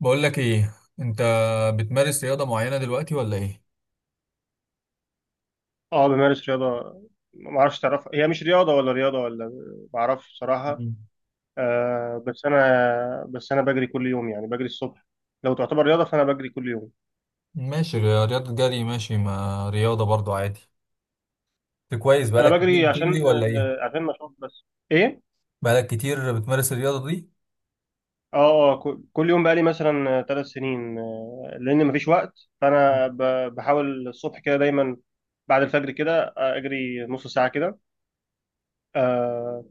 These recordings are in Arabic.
بقول لك ايه انت؟ بتمارس رياضة معينة دلوقتي ولا ايه؟ اه، بمارس رياضة. ما اعرفش، تعرفها هي مش رياضة ولا رياضة ولا ما اعرفش بصراحة. مم. بس انا بجري كل يوم، يعني بجري الصبح. لو تعتبر رياضة فانا بجري كل يوم. ماشي. رياضة جري، ماشي، ما رياضة برضو عادي. انت كويس، انا بقالك كتير بجري بتجري عشان ولا ايه؟ عشان نشاط بس. ايه. بقالك كتير بتمارس الرياضة دي؟ كل يوم، بقالي مثلا 3 سنين، لان مفيش وقت، فانا بحاول الصبح كده دايما بعد الفجر كده، اجري نص ساعة كده. آه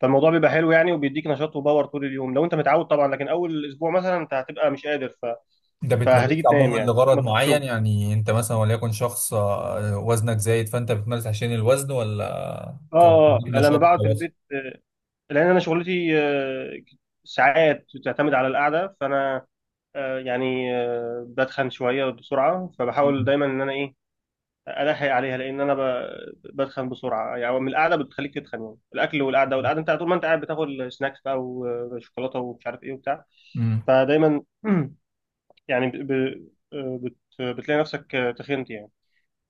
فالموضوع بيبقى حلو يعني، وبيديك نشاط وباور طول اليوم لو انت متعود طبعا. لكن اول اسبوع مثلا انت هتبقى مش قادر، انت فهتيجي بتمارسها تنام عموما يعني لغرض ما تروحش الشغل. معين، يعني انت مثلا وليكن شخص وزنك زايد، فانت بتمارس عشان الوزن، ولا اه كان اه بتديك آه، لما نشاط بقعد في وخلاص؟ البيت، لان انا شغلتي، ساعات تعتمد على القعده، فانا يعني بتخن شويه بسرعه، فبحاول مم. دايما ان انا ايه، الحق عليها. لان انا بتخن بسرعه يعني. من القعده بتخليك تتخن يعني، الاكل والقعده، والقعده انت طول ما انت قاعد بتاكل سناكس بقى، وشوكولاته، ومش عارف ايه وبتاع. امم. فدايما يعني ب... ب... آه، بت... بتلاقي نفسك، تخنت يعني.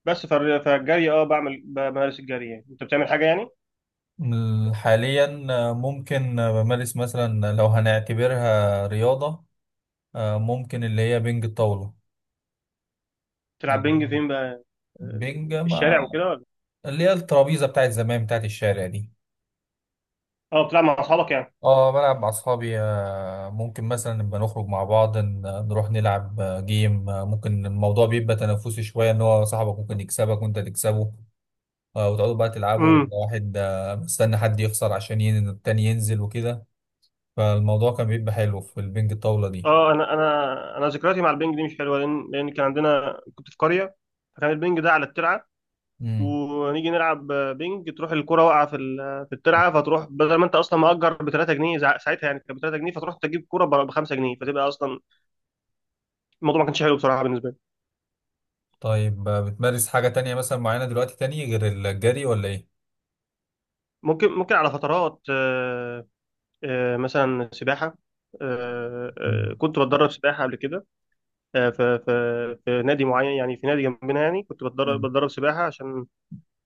بس فالجري، اه بعمل بمارس الجري يعني، انت بتعمل حاجه يعني. حاليا، ممكن، بمارس مثلا لو هنعتبرها رياضة، ممكن اللي هي بنج الطاولة. بتلعب يعني بينج فين بقى، بينج، في ما... الشارع وكده ولا؟ اللي هي الترابيزه بتاعت زمان، بتاعت الشارع دي. اه، بتلعب مع اصحابك يعني. اه، بلعب مع اصحابي، ممكن مثلا نبقى نخرج مع بعض، نروح نلعب جيم، ممكن الموضوع بيبقى تنافسي شويه، ان هو صاحبك ممكن يكسبك وانت تكسبه. وتقعدوا بقى تلعبوا، امم. واحد مستني حد يخسر عشان التاني ينزل وكده. فالموضوع كان بيبقى حلو في البنج الطاوله دي. اه، انا ذكرياتي مع البنج دي مش حلوه. لان كان عندنا كنت في قريه، فكان البنج ده على الترعه، امم. ونيجي نلعب بنج تروح الكره واقعه في في الترعه، فتروح بدل ما انت اصلا مأجر ب 3 جنيه، ساعتها يعني كانت ب 3 جنيه، فتروح تجيب كره ب 5 جنيه، فتبقى اصلا الموضوع ما كانش حلو بصراحه بالنسبه لي. طيب، بتمارس حاجه تانية مثلا معينه دلوقتي تاني غير الجري ولا ايه؟ ممكن على فترات، مثلا سباحه. آه، مم. كنت بتدرب سباحه قبل كده، في في نادي معين يعني، في نادي جنبنا، يعني كنت بتدرب سباحه عشان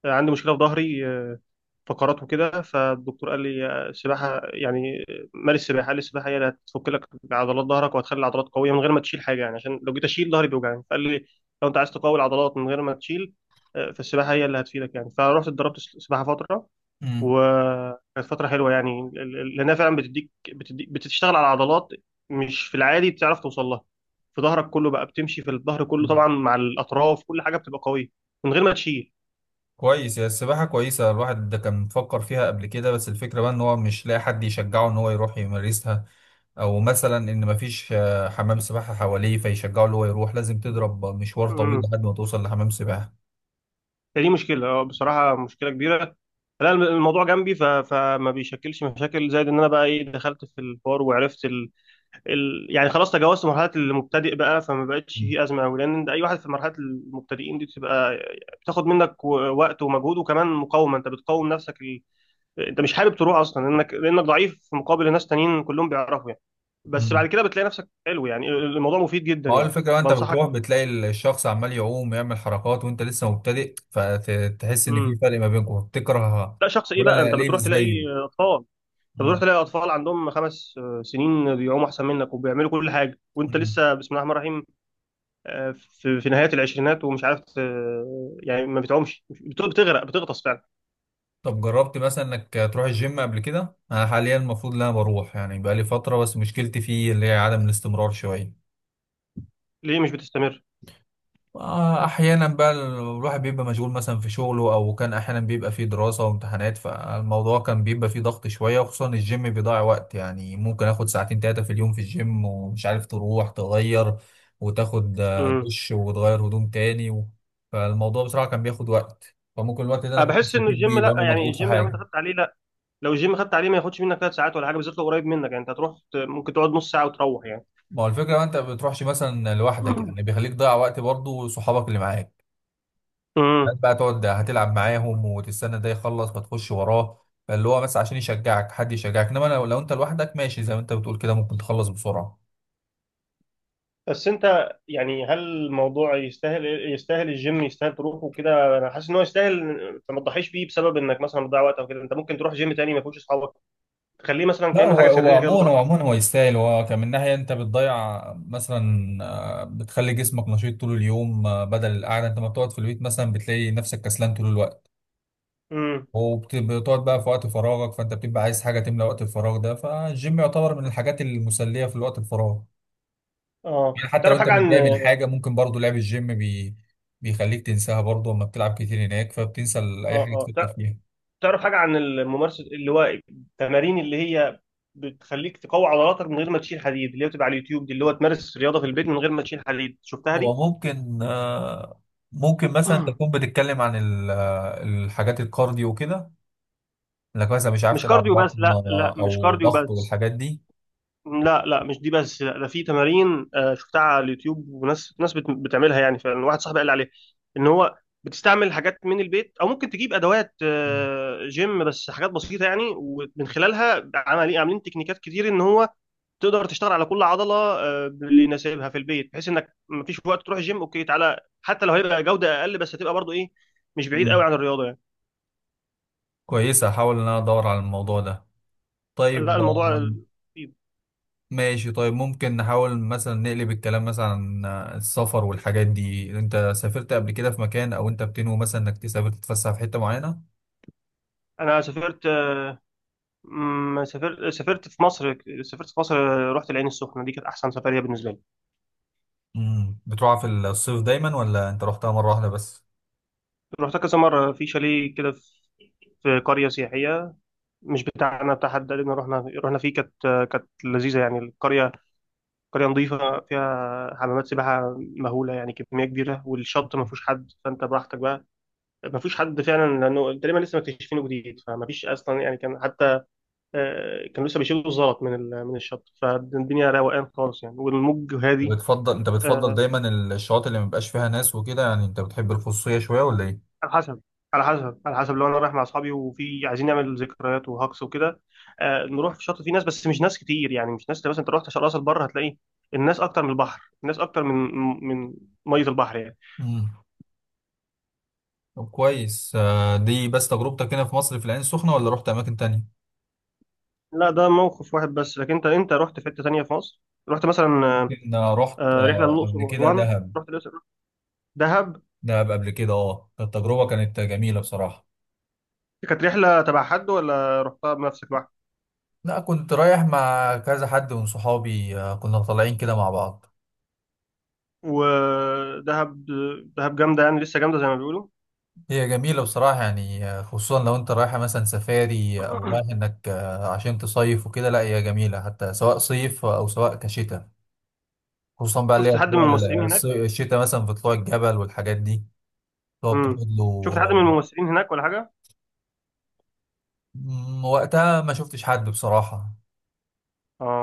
عندي مشكله في ظهري، فقرات وكده. فالدكتور قال لي السباحه يعني مارس السباحه. قال لي السباحه هي اللي هتفك لك عضلات ظهرك، وهتخلي العضلات قويه من غير ما تشيل حاجه يعني، عشان لو جيت اشيل ظهري بيوجعني. فقال لي لو انت عايز تقوي العضلات من غير ما تشيل، فالسباحه هي اللي هتفيدك يعني. فرحت اتدربت سباحه فتره، وكانت فترة حلوة يعني، لأنها فعلا بتديك بتشتغل على عضلات مش في العادي بتعرف توصل لها، في ظهرك كله بقى. بتمشي في الظهر كله مم. طبعا، مع الأطراف، كل حاجة بتبقى قوية من غير ما تشيل. كويس، هي السباحة كويسة. الواحد ده كان مفكر فيها قبل كده، بس الفكرة بقى ان هو مش لاقي حد يشجعه ان هو يروح يمارسها، او مثلا ان مفيش حمام سباحة حواليه فيشجعه ان هو يروح، لازم تضرب مشوار طويل امم. لحد ما توصل لحمام سباحة. فدي مشكلة، بصراحة مشكلة كبيرة. لا الموضوع جنبي، فما بيشكلش مشاكل. زائد إن أنا بقى إيه، دخلت في الحوار وعرفت، يعني خلاص تجاوزت مرحله المبتدئ بقى، فما بقتش في ازمه قوي. لان انت اي واحد في مرحله المبتدئين دي بتبقى، بتاخد منك وقت ومجهود، وكمان مقاومه، انت بتقاوم نفسك. انت مش حابب تروح اصلا لانك ضعيف في مقابل ناس تانيين كلهم بيعرفوا يعني. بس مم. بعد كده بتلاقي نفسك حلو يعني، الموضوع مفيد جدا ما هو يعني، الفكرة بقى، انت بنصحك. بتروح بتلاقي الشخص عمال يعوم يعمل حركات، وانت لسه مبتدئ، فتحس ان امم. في فرق ما بينكم تكره، لا شخص ايه تقول بقى، انا ليه مش زيه. اطفال انت بتروح مم. تلاقي اطفال عندهم 5 سنين بيعوموا احسن منك وبيعملوا كل حاجه، وانت مم. لسه بسم الله الرحمن الرحيم. في نهايات العشرينات، ومش عارف يعني ما بتعومش، بتغرق بتغطس فعلا. طب جربت مثلا انك تروح الجيم قبل كده؟ انا حاليا المفروض ان انا بروح، يعني بقالي فتره، بس مشكلتي فيه اللي هي عدم الاستمرار شويه. ليه مش بتستمر؟ احيانا بقى الواحد بيبقى مشغول مثلا في شغله، او كان احيانا بيبقى فيه دراسه وامتحانات، فالموضوع كان بيبقى فيه ضغط شويه، وخصوصا الجيم بيضيع وقت، يعني ممكن اخد ساعتين تلاتة في اليوم في الجيم، ومش عارف تروح تغير وتاخد امم. دش وتغير هدوم تاني و... فالموضوع بصراحه كان بياخد وقت، فممكن الوقت ده انا انا كنت بحس انه استفيد الجيم، بيه لا لانه يعني مضغوط في الجيم لو انت حاجه. خدت عليه، لا، لو الجيم خدت عليه ما ياخدش منك 3 ساعات ولا حاجه، بالذات لو قريب منك يعني. انت هتروح ممكن تقعد نص ساعه وتروح يعني. ما هو الفكرة ما انت ما بتروحش مثلا لوحدك، مم. يعني بيخليك تضيع وقت برضه، وصحابك اللي معاك هات امم. بقى تقعد هتلعب معاهم وتستنى ده يخلص فتخش وراه. اللي هو بس عشان يشجعك، حد يشجعك، انما لو انت لوحدك ماشي زي ما انت بتقول كده، ممكن تخلص بسرعة. بس انت يعني هل الموضوع يستاهل الجيم يستاهل تروحه كده؟ انا حاسس ان هو يستاهل، فما تضحيش بيه بسبب انك مثلا بتضيع وقت او كده. انت ممكن تروح جيم تاني ما فيهوش اصحابك، تخليه مثلا لا، كانه هو حاجه هو سريه كده عموما، بتروح. هو عموما هو يستاهل، هو كان من ناحية انت بتضيع مثلا بتخلي جسمك نشيط طول اليوم، بدل القعدة انت ما بتقعد في البيت، مثلا بتلاقي نفسك كسلان طول الوقت، امم. وبتقعد بقى في وقت فراغك، فانت بتبقى عايز حاجه تملى وقت الفراغ ده، فالجيم يعتبر من الحاجات المسليه في الوقت الفراغ. يعني اه حتى لو تعرف انت حاجه عن متضايق من اه حاجه، ممكن برضو لعب الجيم بيخليك تنساها برضو، اما بتلعب كتير هناك فبتنسى اي حاجه اه تفكر فيها. تعرف حاجة عن الممارسة، اللي هو التمارين اللي هي بتخليك تقوي عضلاتك من غير ما تشيل حديد، اللي هي بتبقى على اليوتيوب دي، اللي هو تمارس رياضة في البيت من غير ما تشيل حديد؟ شفتها هو دي؟ ممكن ممكن مثلا تكون بتتكلم عن الحاجات الكارديو وكده، انك مثلا مش عارف مش تلعب كارديو بس بطن لا لا مش او كارديو ضغط بس والحاجات دي. لا لا مش دي بس. لا ده في تمارين، شفتها على اليوتيوب، وناس بتعملها يعني فعلا. واحد صاحبي قال لي عليها ان هو بتستعمل حاجات من البيت، او ممكن تجيب ادوات جيم بس حاجات بسيطه يعني، ومن خلالها عاملين تكنيكات كتير، ان هو تقدر تشتغل على كل عضله باللي يناسبها في البيت، بحيث انك مفيش وقت تروح جيم، اوكي تعالى، حتى لو هيبقى جوده اقل، بس هتبقى برضو ايه، مش بعيد مم. قوي عن الرياضه يعني. كويسة، هحاول ان انا ادور على الموضوع ده. لا طيب. الموضوع بسيط. ماشي، طيب ممكن نحاول مثلا نقلب الكلام مثلا عن السفر والحاجات دي. انت سافرت قبل كده في مكان، او انت بتنوي مثلا انك تسافر تتفسح في حتة معينة؟ انا سافرت، مم، سافرت سافرت في مصر سافرت في مصر، رحت العين السخنه، دي كانت احسن سفريه بالنسبه لي. امم. بتروحها في الصيف دايما ولا انت رحتها مرة واحدة بس؟ رحتها كذا مره في شاليه كده، في قريه سياحيه مش بتاعنا، بتاع حد قال لنا، رحنا فيه، كانت لذيذه يعني القريه. قرية نظيفة فيها حمامات سباحة مهولة يعني، كمية كبيرة، والشط ما فيهوش حد، فأنت براحتك بقى، ما فيهوش حد فعلا لأنه تقريبا لسه مكتشفينه جديد، فما فيش أصلا يعني. كان حتى، كانوا لسه بيشيلوا الزلط من من الشط، فالدنيا روقان خالص يعني، والموج هادي. بتفضل، انت بتفضل آه، دايما الشواطئ اللي مبقاش فيها ناس وكده، يعني انت بتحب الخصوصية شوية ولا ايه؟ على حسب على حسب. لو أنا رايح مع أصحابي وفي عايزين نعمل ذكريات وهكس وكده، نروح في الشط فيه ناس بس مش ناس كتير يعني، مش ناس مثلا أنت رحت راس البر هتلاقي الناس أكتر من البحر، الناس أكتر من من مية البحر يعني. امم. طب كويس. دي بس تجربتك هنا في مصر في العين السخنة، ولا رحت اماكن تانية؟ لا ده موقف واحد بس. لكن انت رحت في حته تانيه في مصر؟ رحت مثلا، ممكن رحت رحله للاقصر قبل كده واسوان، دهب. رحت الاقصر. دهب؟ دهب قبل كده، اه، التجربة كانت جميلة بصراحة. كانت رحله تبع حد ولا رحتها بنفسك لوحدك؟ لا، كنت رايح مع كذا حد من صحابي، كنا طالعين كده مع بعض. ودهب. دهب جامده يعني، لسه جامده زي ما بيقولوا. هي جميلة بصراحة يعني، خصوصا لو انت رايحة مثلا سفاري، او رايح انك عشان تصيف وكده، لا، هي جميلة حتى سواء صيف او سواء كشتاء. خصوصا بقى اللي شفت هي حد من طلوع الممثلين هناك؟ الشتاء، مثلا في طلوع الجبل والحاجات دي اللي هو امم. بتاخد له شفت حد من آه، الممثلين هناك ولا حاجه؟ وقتها ما شفتش حد بصراحة.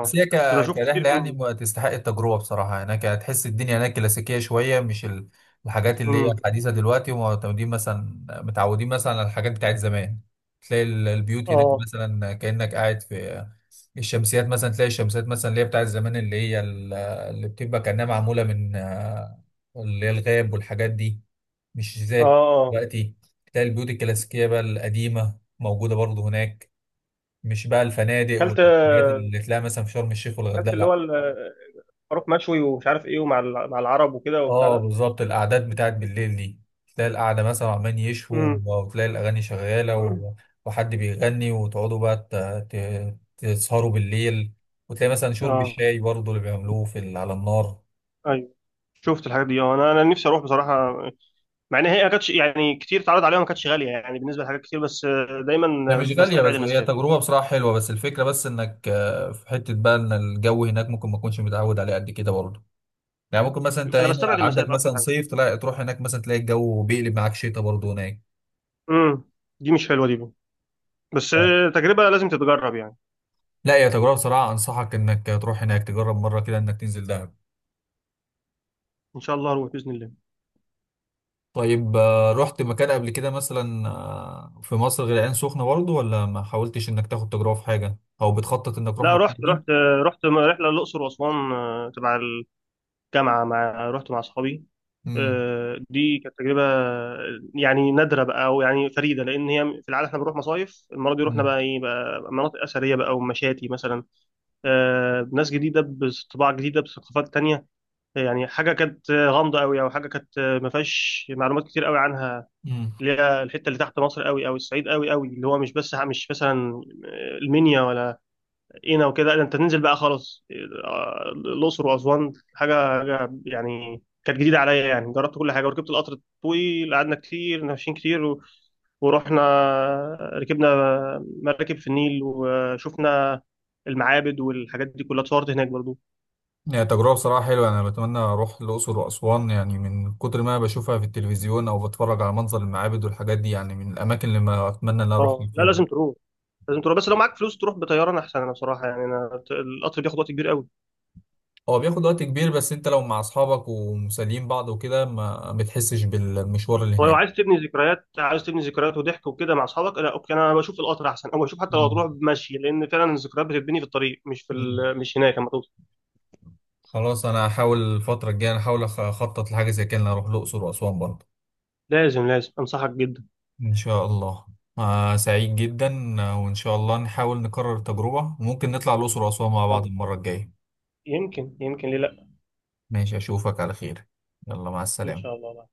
بس هي بس بشوف كتير كرحلة يعني من. ما تستحق التجربة بصراحة. هناك هتحس الدنيا هناك كلاسيكية شوية، مش الحاجات اللي هي امم. الحديثة دلوقتي، ومعتمدين مثلا متعودين مثلا على الحاجات بتاعت زمان. تلاقي البيوت هناك اه مثلا كأنك قاعد في الشمسيات. مثلا تلاقي الشمسيات مثلا اللي هي بتاعت زمان، اللي هي اللي بتبقى كأنها معمولة من اللي هي الغاب والحاجات دي، مش اه زي اه دلوقتي. تلاقي البيوت الكلاسيكية بقى القديمة موجودة برضه هناك، مش بقى الفنادق كلت والحاجات اللي تلاقيها مثلا في شرم الشيخ كلت والغردقه، اللي لا. هو الخروف مشوي ومش عارف ايه، ومع مع العرب وكده وبتاع اه، ده. بالظبط، القعدات بتاعت بالليل دي، تلاقي القعده مثلا عمال يشووا، امم. وتلاقي الاغاني شغاله وحد بيغني، وتقعدوا بقى تسهروا بالليل، وتلاقي مثلا شرب الشاي برضه اللي بيعملوه على النار. اه شفت الحاجات دي. اه، انا، نفسي اروح بصراحه، مع ان هي ما كانتش يعني كتير اتعرض عليها، ما كانتش غاليه يعني بالنسبه لحاجات كتير. بس هي دايما مش غالية، بستبعد بس هي المسافه. تجربة بصراحة حلوة، بس الفكرة بس انك في حتة بقى ان الجو هناك ممكن ما تكونش متعود عليه قد كده برضه. يعني ممكن مثلا انت انا هنا بستبعد عندك المسافه اكتر مثلا حاجه. صيف، تلاقي تروح هناك مثلا تلاقي الجو بيقلب معاك شتاء برضه هناك. امم. دي مش حلوه دي بقى. بس تجربه لازم تتجرب يعني. لا، يا تجربة بصراحة، أنصحك إنك تروح هناك تجرب مرة كده إنك تنزل دهب. ان شاء الله اروح باذن الله. طيب، رحت مكان قبل كده مثلا في مصر غير العين سخنة برضه، ولا ما حاولتش إنك تاخد تجربة في حاجة، أو بتخطط إنك تروح لا مكان رحت، جديد؟ رحله الاقصر واسوان، تبع الجامعه، رحت مع اصحابي. امم. دي كانت تجربه يعني نادره بقى، او يعني فريده، لان هي في العاده احنا بنروح مصايف، المره دي رحنا امم. بقى ايه بقى، مناطق اثريه بقى ومشاتي مثلا. ناس جديده بطباع جديده بثقافات تانية، يعني حاجه كانت غامضه قوي، او حاجه كانت ما فيهاش معلومات كتير قوي عنها، امم. اللي هي الحته اللي تحت مصر قوي، او الصعيد قوي قوي، اللي هو مش بس مش مثلا المنيا ولا قنا وكده، لا انت تنزل بقى خلاص. الاقصر واسوان حاجه، حاجة يعني كانت جديده عليا. يعني جربت كل حاجه، وركبت القطر الطويل، قعدنا كتير ماشيين كتير، و- ورحنا ركبنا مراكب في النيل، وشفنا المعابد والحاجات دي كلها، اتصورت هناك برضو. هي تجربة بصراحة حلوة، أنا بتمنى أروح الأقصر وأسوان، يعني من كتر ما بشوفها في التلفزيون أو بتفرج على منظر المعابد والحاجات دي، يعني من الأماكن اللي ما أتمنى إن أنا أروح اه في لا يوم. لازم تروح، لازم تروح. بس لو معاك فلوس تروح بطياره احسن، انا بصراحه يعني، انا القطر بياخد وقت كبير قوي. هو بياخد وقت كبير، بس أنت لو مع أصحابك ومسالين بعض وكده ما بتحسش بالمشوار اللي هو لو عايز تبني ذكريات، عايز تبني ذكريات وضحك وكده مع اصحابك، لا اوكي. انا بشوف القطر احسن، او بشوف حتى لو هناك. تروح مشي، لان فعلا الذكريات بتتبني في الطريق مش في مم. مش هناك لما توصل. خلاص، انا هحاول الفتره الجايه احاول اخطط لحاجه زي كده، إن أنا اروح الاقصر واسوان برضه. لازم لازم انصحك جدا. إن شاء الله. سعيد جدا، وان شاء الله نحاول نكرر التجربه، وممكن نطلع الاقصر واسوان مع يلا. بعض المره الجايه. يمكن ليه لا. ماشي، اشوفك على خير. يلا، مع ان السلامه. شاء الله